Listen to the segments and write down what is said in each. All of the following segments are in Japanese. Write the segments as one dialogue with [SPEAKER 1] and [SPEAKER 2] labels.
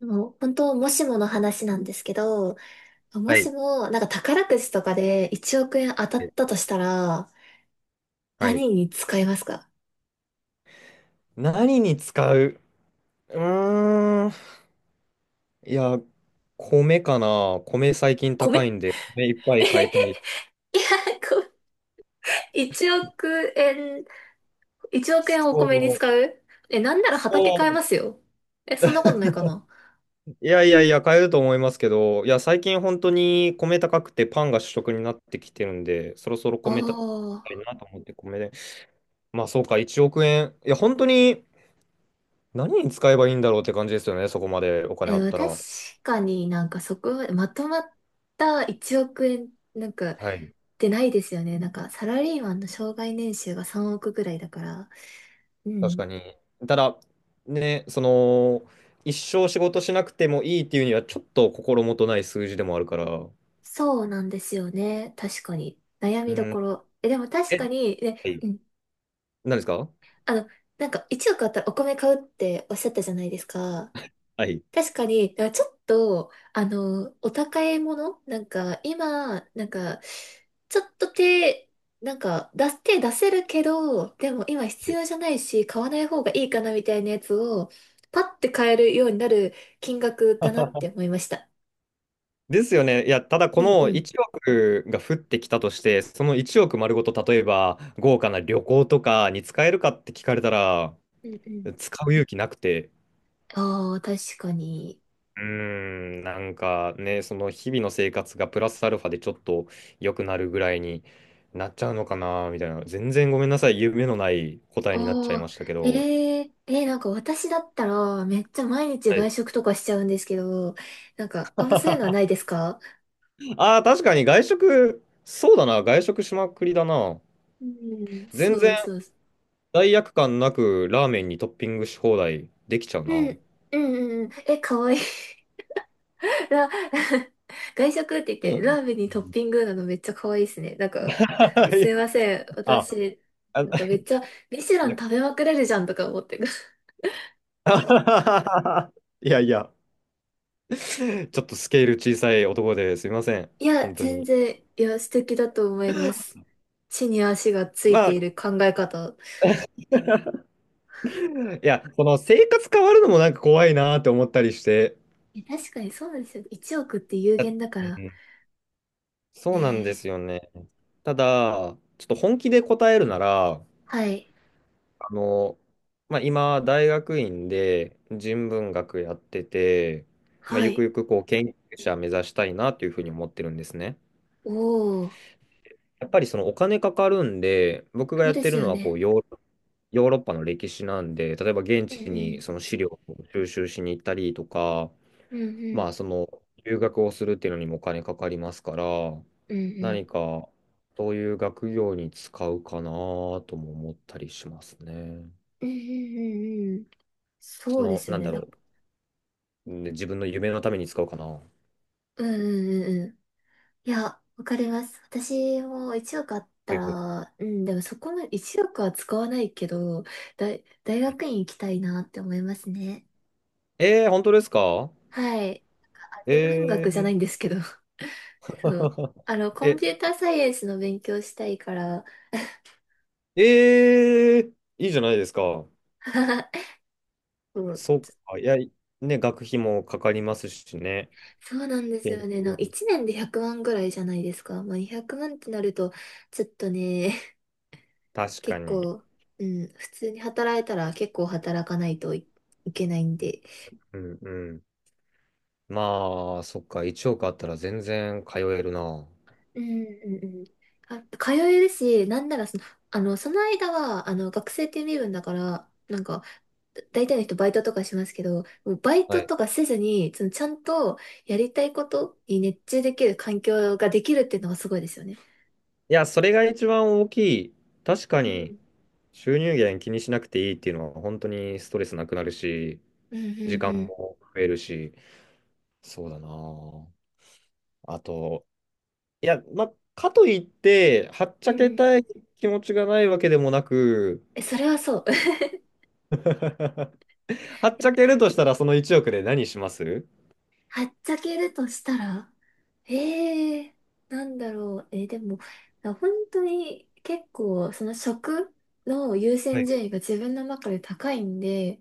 [SPEAKER 1] もう本当、もしもの話なんですけど、も
[SPEAKER 2] は
[SPEAKER 1] し
[SPEAKER 2] い。
[SPEAKER 1] も、なんか宝くじとかで1億円当たったとしたら、
[SPEAKER 2] はい。
[SPEAKER 1] 何に使いますか？
[SPEAKER 2] 何に使う？うーん。いや、米かな。米最近
[SPEAKER 1] 米。
[SPEAKER 2] 高いんで、米いっぱ い買いた
[SPEAKER 1] え、
[SPEAKER 2] い。
[SPEAKER 1] いや、こう、1億円、1億円をお
[SPEAKER 2] そ
[SPEAKER 1] 米に使
[SPEAKER 2] う。
[SPEAKER 1] う？え、なんなら畑
[SPEAKER 2] そ
[SPEAKER 1] 買え
[SPEAKER 2] う。
[SPEAKER 1] ますよ。え、そんなことないかな？
[SPEAKER 2] いやいやいや、買えると思いますけど、いや、最近本当に米高くてパンが主食になってきてるんで、そろそろ
[SPEAKER 1] あ
[SPEAKER 2] 米た、い
[SPEAKER 1] あ。
[SPEAKER 2] なと思って米で。まあそうか、1億円。いや、本当に何に使えばいいんだろうって感じですよね、そこまでお金あっ
[SPEAKER 1] え、
[SPEAKER 2] た
[SPEAKER 1] 確
[SPEAKER 2] ら。
[SPEAKER 1] かになんかそこ、までまとまった1億円、なんか、っ
[SPEAKER 2] はい。
[SPEAKER 1] てないですよね。なんか、サラリーマンの生涯年収が3億ぐらいだから。う
[SPEAKER 2] 確
[SPEAKER 1] ん。
[SPEAKER 2] かに。ただ、ね、一生仕事しなくてもいいっていうには、ちょっと心もとない数字でもあるから、
[SPEAKER 1] そうなんですよね。確かに。悩
[SPEAKER 2] う
[SPEAKER 1] みど
[SPEAKER 2] ん、
[SPEAKER 1] ころ。え、でも確
[SPEAKER 2] え、
[SPEAKER 1] かに、
[SPEAKER 2] は
[SPEAKER 1] ね、
[SPEAKER 2] い、
[SPEAKER 1] うん。
[SPEAKER 2] 何ですか？
[SPEAKER 1] あの、なんか1億あったらお米買うっておっしゃったじゃないですか。
[SPEAKER 2] はい。
[SPEAKER 1] 確かに、だからちょっと、お高いものなんか、今、なんか、ちょっと手、なんか、出す、手出せるけど、でも今必
[SPEAKER 2] で
[SPEAKER 1] 要じゃないし、買わない方がいいかなみたいなやつを、パッて買えるようになる金額だなって 思いました。
[SPEAKER 2] ですよね。いや、ただこ
[SPEAKER 1] うんう
[SPEAKER 2] の
[SPEAKER 1] ん。
[SPEAKER 2] 1億が降ってきたとして、その1億丸ごと、例えば豪華な旅行とかに使えるかって聞かれたら、
[SPEAKER 1] うんうん。
[SPEAKER 2] 使う勇気なくて、
[SPEAKER 1] ああ、確かに。
[SPEAKER 2] うーん、なんかね、その日々の生活がプラスアルファでちょっと良くなるぐらいになっちゃうのかな、みたいな。全然ごめんなさい、夢のない答えになっちゃい
[SPEAKER 1] ああ、
[SPEAKER 2] ましたけ
[SPEAKER 1] え
[SPEAKER 2] ど。
[SPEAKER 1] え、えーなんか私だったら、めっちゃ毎日
[SPEAKER 2] は
[SPEAKER 1] 外
[SPEAKER 2] い、
[SPEAKER 1] 食とかしちゃうんですけど、なんか、あんまそういうのはないですか？
[SPEAKER 2] ああ、確かに外食、そうだな、外食しまくりだな。
[SPEAKER 1] うん。
[SPEAKER 2] 全
[SPEAKER 1] そう
[SPEAKER 2] 然
[SPEAKER 1] そうそう。
[SPEAKER 2] 罪悪感なくラーメンにトッピングし放題できちゃう
[SPEAKER 1] う
[SPEAKER 2] な。
[SPEAKER 1] ん、うん、うんうん。え、かわいい。ラ 外食って言っ
[SPEAKER 2] う
[SPEAKER 1] て、ラ
[SPEAKER 2] ん
[SPEAKER 1] ーメンにトッピングなのめっちゃかわいいですね。なんか、すいません。
[SPEAKER 2] あ、
[SPEAKER 1] 私、
[SPEAKER 2] あ、
[SPEAKER 1] なんかめっちゃ、ミシュラ
[SPEAKER 2] な
[SPEAKER 1] ン
[SPEAKER 2] んか
[SPEAKER 1] 食べまくれるじゃんとか思って。
[SPEAKER 2] いやいや、ちょっとスケール小さい男ですいません、
[SPEAKER 1] いや、
[SPEAKER 2] 本当
[SPEAKER 1] 全
[SPEAKER 2] に。
[SPEAKER 1] 然、いや、素敵だと思います。地に足がつい
[SPEAKER 2] ま
[SPEAKER 1] てい
[SPEAKER 2] あ
[SPEAKER 1] る考え方。
[SPEAKER 2] いや、この生活変わるのもなんか怖いなーって思ったりして。
[SPEAKER 1] え、確かにそうなんですよ。1億って有
[SPEAKER 2] あ、う
[SPEAKER 1] 限だから。
[SPEAKER 2] ん、そ
[SPEAKER 1] ね
[SPEAKER 2] うなんで
[SPEAKER 1] え。
[SPEAKER 2] すよね。ただ、ちょっと本気で答えるなら、
[SPEAKER 1] はい。
[SPEAKER 2] あの、まあ、今、大学院で人文学やってて、まあ、
[SPEAKER 1] は
[SPEAKER 2] ゆく
[SPEAKER 1] い。
[SPEAKER 2] ゆくこう研究者目指したいなというふうに思ってるんですね。
[SPEAKER 1] おー、
[SPEAKER 2] やっぱりそのお金かかるんで、僕が
[SPEAKER 1] そう
[SPEAKER 2] やっ
[SPEAKER 1] で
[SPEAKER 2] て
[SPEAKER 1] す
[SPEAKER 2] る
[SPEAKER 1] よ
[SPEAKER 2] のはこう
[SPEAKER 1] ね。
[SPEAKER 2] ヨーロッパの歴史なんで、例えば現
[SPEAKER 1] うんう
[SPEAKER 2] 地に
[SPEAKER 1] ん。
[SPEAKER 2] その資料を収集しに行ったりとか、
[SPEAKER 1] うんうん。
[SPEAKER 2] まあ、その、留学をするっていうのにもお金かかりますから、
[SPEAKER 1] うんうん。
[SPEAKER 2] 何か、そういう学業に使うかなとも思ったりしますね。
[SPEAKER 1] うんうんうんうん。そ
[SPEAKER 2] そ
[SPEAKER 1] うで
[SPEAKER 2] の、
[SPEAKER 1] すよ
[SPEAKER 2] なん
[SPEAKER 1] ね。
[SPEAKER 2] だろう、ね自分の夢のために使うかな。は
[SPEAKER 1] うんうんうんうん。いや、わかります。私も1億あった
[SPEAKER 2] いはい
[SPEAKER 1] ら、うん、でもそこまで1億は使わないけど、大
[SPEAKER 2] はい、
[SPEAKER 1] 学院行きたいなって思いますね。
[SPEAKER 2] えー、本当ですか？
[SPEAKER 1] はい。あ、
[SPEAKER 2] え
[SPEAKER 1] 天文学じゃな
[SPEAKER 2] ー、
[SPEAKER 1] いんですけど。そう。コン
[SPEAKER 2] え、
[SPEAKER 1] ピューターサイエンスの勉強したいから、
[SPEAKER 2] えー、いいじゃないですか。
[SPEAKER 1] そう、
[SPEAKER 2] そうか。いや、ね、学費もかかりますしね。
[SPEAKER 1] そうなんです
[SPEAKER 2] 研
[SPEAKER 1] よね。なんか
[SPEAKER 2] 究、
[SPEAKER 1] 1年で100万ぐらいじゃないですか。まあ、200万ってなると、ちょっとね、
[SPEAKER 2] 確か
[SPEAKER 1] 結
[SPEAKER 2] に。
[SPEAKER 1] 構、うん、普通に働いたら結構働かないといけないんで。
[SPEAKER 2] うんうん。まあ、そっか、1億あったら全然通えるな。
[SPEAKER 1] うんうんうん。あ、通えるし、なんならその、その間は、学生っていう身分だから、なんか、大体の人バイトとかしますけど、もうバイ
[SPEAKER 2] は
[SPEAKER 1] ト
[SPEAKER 2] い。
[SPEAKER 1] とかせずに、そのちゃんとやりたいことに熱中できる環境ができるっていうのがすごいですよね。
[SPEAKER 2] いや、それが一番大きい。確
[SPEAKER 1] うん
[SPEAKER 2] か
[SPEAKER 1] う
[SPEAKER 2] に、
[SPEAKER 1] ん。
[SPEAKER 2] 収入源気にしなくていいっていうのは、本当にストレスなくなるし、
[SPEAKER 1] うんうん
[SPEAKER 2] 時間
[SPEAKER 1] うん。
[SPEAKER 2] も増えるし、そうだな。あと、いや、まあ、かといって、はっち
[SPEAKER 1] う
[SPEAKER 2] ゃ
[SPEAKER 1] んう
[SPEAKER 2] け
[SPEAKER 1] ん、
[SPEAKER 2] たい気持ちがないわけでもなく、
[SPEAKER 1] え、それはそう。い
[SPEAKER 2] はっちゃ
[SPEAKER 1] や、
[SPEAKER 2] けるとしたら、その1億で何します？
[SPEAKER 1] はっちゃけるとしたら、ええなんだろう。でも、本当に結構、その食の優
[SPEAKER 2] は
[SPEAKER 1] 先
[SPEAKER 2] い。
[SPEAKER 1] 順位が自分の中で高いんで、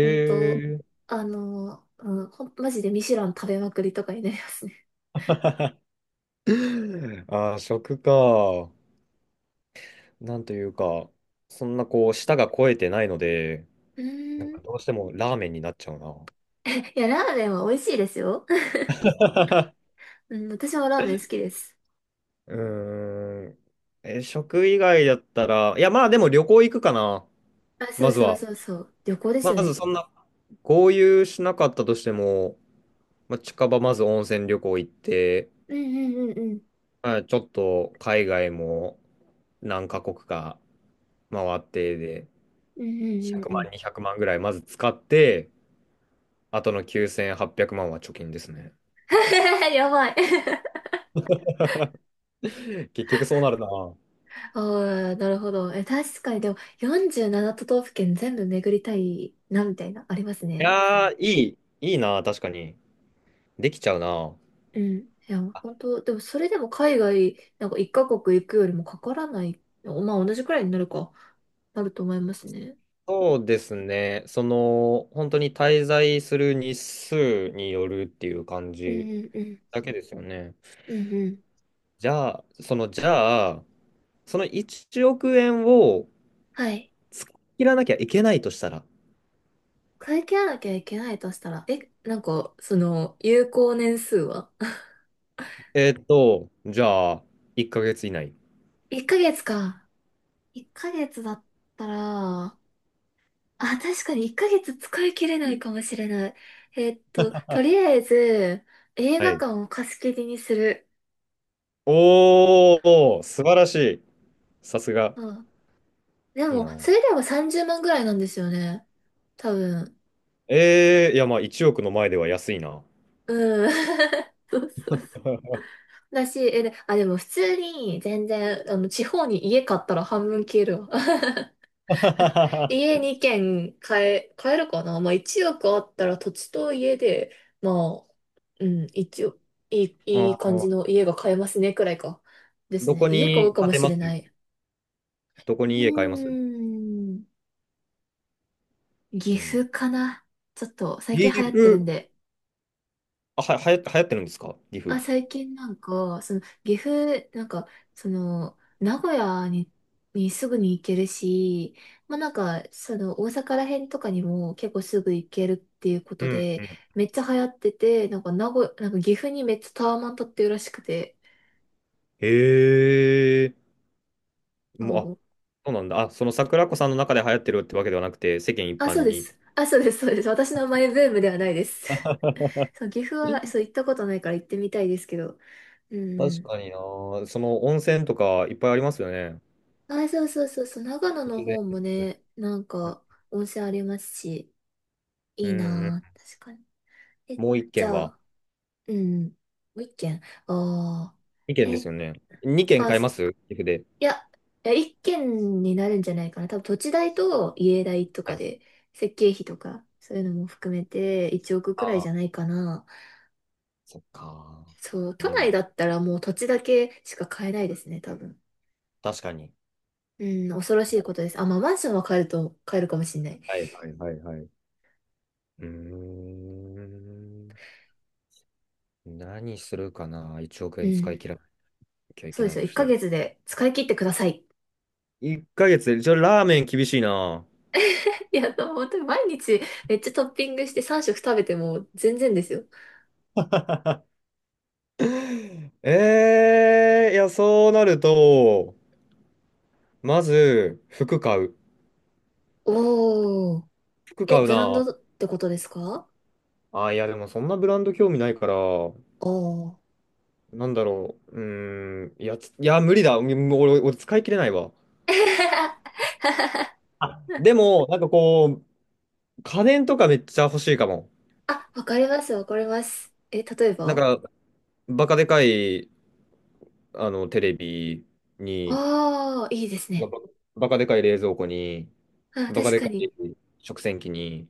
[SPEAKER 1] 本当、うん、マジでミシュラン食べまくりとかになりますね。
[SPEAKER 2] ああ、食か。なんというか、そんなこう、舌が肥えてないので、
[SPEAKER 1] う
[SPEAKER 2] なん
[SPEAKER 1] ーん。
[SPEAKER 2] かどうしてもラーメンになっちゃうな。
[SPEAKER 1] いや、ラーメンは美味しいですよ。うん、私もラーメン好きです。
[SPEAKER 2] うーん。え、食以外だったら、いや、まあでも旅行行くかな。
[SPEAKER 1] あ、そ
[SPEAKER 2] ま
[SPEAKER 1] う
[SPEAKER 2] ず
[SPEAKER 1] そう
[SPEAKER 2] は。
[SPEAKER 1] そうそう。旅行です
[SPEAKER 2] ま
[SPEAKER 1] よ
[SPEAKER 2] ず
[SPEAKER 1] ね。
[SPEAKER 2] そんな、合流しなかったとしても、まあ、近場まず温泉旅行行って、
[SPEAKER 1] うんうんうんうん。
[SPEAKER 2] まあ、ちょっと海外も何カ国か回ってで、
[SPEAKER 1] うんうんうん
[SPEAKER 2] 100
[SPEAKER 1] うん。
[SPEAKER 2] 万、200万ぐらいまず使って、あとの9800万はっぴゃくまんは貯金ですね。
[SPEAKER 1] やばい。
[SPEAKER 2] 結局そうなるな。
[SPEAKER 1] ああ、なるほど。え、確かに、でも、47都道府県全部巡りたいな、みたいな、あります
[SPEAKER 2] い
[SPEAKER 1] ね。
[SPEAKER 2] やー、いいな、確かに。できちゃうな。
[SPEAKER 1] うん。いや、本当でも、それでも海外、なんか1カ国行くよりもかからない、まあ、同じくらいになるか、なると思いますね。
[SPEAKER 2] そうですね。その、本当に滞在する日数によるっていう感
[SPEAKER 1] うん
[SPEAKER 2] じ
[SPEAKER 1] うんうん。
[SPEAKER 2] だけですよね。
[SPEAKER 1] うんうん。
[SPEAKER 2] じゃあ、その1億円を
[SPEAKER 1] はい。
[SPEAKER 2] 使い切らなきゃいけないとしたら、
[SPEAKER 1] 会計なきゃいけないとしたら、え、なんか、その、有効年数は？
[SPEAKER 2] じゃあ、1ヶ月以内。
[SPEAKER 1] ?1 ヶ月か。1ヶ月だったら、あ、確かに1ヶ月使い切れないかもしれない。とり あえず、映画
[SPEAKER 2] はい。
[SPEAKER 1] 館を貸し切りにする。
[SPEAKER 2] おー、素晴らしい。さすが。
[SPEAKER 1] うん。で
[SPEAKER 2] いい
[SPEAKER 1] も、
[SPEAKER 2] な。
[SPEAKER 1] それでも30万ぐらいなんですよね。多分。
[SPEAKER 2] いや、まあ、1億の前では安いな。
[SPEAKER 1] うん。そうそうだし、え、でも普通に全然、地方に家買ったら半分消えるわ。
[SPEAKER 2] あ
[SPEAKER 1] 家2軒買えるかな。まあ1億あったら土地と家で、まあ、うん、一応、いい感じ
[SPEAKER 2] ー、
[SPEAKER 1] の家が買えますね、くらいか。です
[SPEAKER 2] ど
[SPEAKER 1] ね。
[SPEAKER 2] こ
[SPEAKER 1] 家買う
[SPEAKER 2] に、
[SPEAKER 1] か
[SPEAKER 2] 建
[SPEAKER 1] も
[SPEAKER 2] て
[SPEAKER 1] しれない。
[SPEAKER 2] どこ
[SPEAKER 1] うー
[SPEAKER 2] に家買います？
[SPEAKER 1] ん、岐
[SPEAKER 2] うん。
[SPEAKER 1] 阜かな。ちょっと最近
[SPEAKER 2] 岐
[SPEAKER 1] 流行ってるん
[SPEAKER 2] 阜、
[SPEAKER 1] で、
[SPEAKER 2] あ、は、はや、流行ってるんですか岐
[SPEAKER 1] あ、
[SPEAKER 2] 阜？
[SPEAKER 1] 最近なんか、その、岐阜、なんか、その、名古屋に、すぐに行けるし、まあ、なんか、その、大阪ら辺とかにも結構すぐ行けるっていうこ
[SPEAKER 2] う
[SPEAKER 1] と
[SPEAKER 2] ん
[SPEAKER 1] で、
[SPEAKER 2] うん。
[SPEAKER 1] めっちゃ流行ってて、なんか、名古屋、なんか岐阜にめっちゃタワマン建ってるらしくて。
[SPEAKER 2] へえ。
[SPEAKER 1] そ
[SPEAKER 2] もう、あ、
[SPEAKER 1] う、
[SPEAKER 2] そうなんだ。あ、その桜子さんの中で流行ってるってわけではなくて、世間一
[SPEAKER 1] あ、そう
[SPEAKER 2] 般
[SPEAKER 1] で
[SPEAKER 2] に。
[SPEAKER 1] す。あ、そうです、そうです。私のマイブームではないです。そう、岐阜は、そう、行ったことないから行ってみたいですけど。う
[SPEAKER 2] 確
[SPEAKER 1] ん
[SPEAKER 2] かにな。その温泉とかいっぱいありますよね。
[SPEAKER 1] うん。あ、そうそうそうそう、長野
[SPEAKER 2] 突
[SPEAKER 1] の
[SPEAKER 2] 然。
[SPEAKER 1] 方もね、なんか、温泉ありますし。
[SPEAKER 2] う
[SPEAKER 1] いい
[SPEAKER 2] んう
[SPEAKER 1] な
[SPEAKER 2] ん。
[SPEAKER 1] ぁ。確かに。え、
[SPEAKER 2] もう一
[SPEAKER 1] じ
[SPEAKER 2] 軒
[SPEAKER 1] ゃ
[SPEAKER 2] は。
[SPEAKER 1] あ、うん。もう一軒。ああ。
[SPEAKER 2] 二軒で
[SPEAKER 1] え、
[SPEAKER 2] すよね。二軒
[SPEAKER 1] あ、
[SPEAKER 2] 買います岐阜で？
[SPEAKER 1] いや、いや、一軒になるんじゃないかな。多分土地代と家代と
[SPEAKER 2] は
[SPEAKER 1] か
[SPEAKER 2] い。
[SPEAKER 1] で、設計費とか、そういうのも含めて1億
[SPEAKER 2] あ
[SPEAKER 1] くらいじ
[SPEAKER 2] あ、
[SPEAKER 1] ゃないかな。
[SPEAKER 2] そっか。
[SPEAKER 1] そう、都
[SPEAKER 2] うん。
[SPEAKER 1] 内だったらもう土地だけしか買えないですね、多分。
[SPEAKER 2] 確かに。
[SPEAKER 1] うん、恐ろしいことです。あ、まあ、マンションは買えるかもしれない。
[SPEAKER 2] はいはいはいはい。うーん。何するかな？ 1 億
[SPEAKER 1] う
[SPEAKER 2] 円使
[SPEAKER 1] ん。
[SPEAKER 2] い切らなきゃい
[SPEAKER 1] そ
[SPEAKER 2] け
[SPEAKER 1] うで
[SPEAKER 2] な
[SPEAKER 1] す
[SPEAKER 2] い
[SPEAKER 1] よ。
[SPEAKER 2] と
[SPEAKER 1] 1
[SPEAKER 2] したら。
[SPEAKER 1] ヶ月で使い切ってください。
[SPEAKER 2] 1ヶ月で、じゃあラーメン厳しいな。
[SPEAKER 1] いや、本当に毎日めっちゃトッピングして3食食べても全然ですよ。
[SPEAKER 2] ええー、いや、そうなると、まず、服買う。
[SPEAKER 1] おー。
[SPEAKER 2] 服
[SPEAKER 1] え、
[SPEAKER 2] 買う
[SPEAKER 1] ブランド
[SPEAKER 2] な。
[SPEAKER 1] ってことですか？
[SPEAKER 2] あ、いや、でもそんなブランド興味ないから、
[SPEAKER 1] おー。
[SPEAKER 2] なんだろう。うーん、いや、無理だ。うん、俺使い切れないわ。でも、なんかこう、家電とかめっちゃ欲しいかも。
[SPEAKER 1] あ、わかります、わかります。え、例え
[SPEAKER 2] なん
[SPEAKER 1] ば？
[SPEAKER 2] か、バカでかい、あの、テレビに、
[SPEAKER 1] ああー、いいです
[SPEAKER 2] バ
[SPEAKER 1] ね。
[SPEAKER 2] カバカでかい冷蔵庫に、
[SPEAKER 1] あ、
[SPEAKER 2] バカ
[SPEAKER 1] 確
[SPEAKER 2] で
[SPEAKER 1] か
[SPEAKER 2] かい
[SPEAKER 1] に。
[SPEAKER 2] 食洗機に。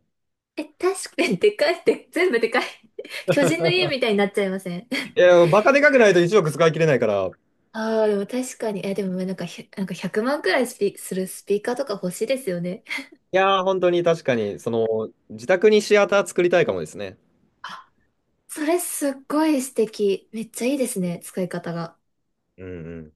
[SPEAKER 1] え、確かに、でかいって、全部でかい。巨人の家みたいになっちゃいません？
[SPEAKER 2] いや、バカでかくないと1億使い切れないから、
[SPEAKER 1] ああ、でも確かに。え、でもなんかなんか100万くまんくらいするスピーカーとか欲しいですよね。
[SPEAKER 2] いやー、本当に確かに、その、自宅にシアター作りたいかもですね。
[SPEAKER 1] それすっごい素敵。めっちゃいいですね、使い方が。
[SPEAKER 2] うんうん。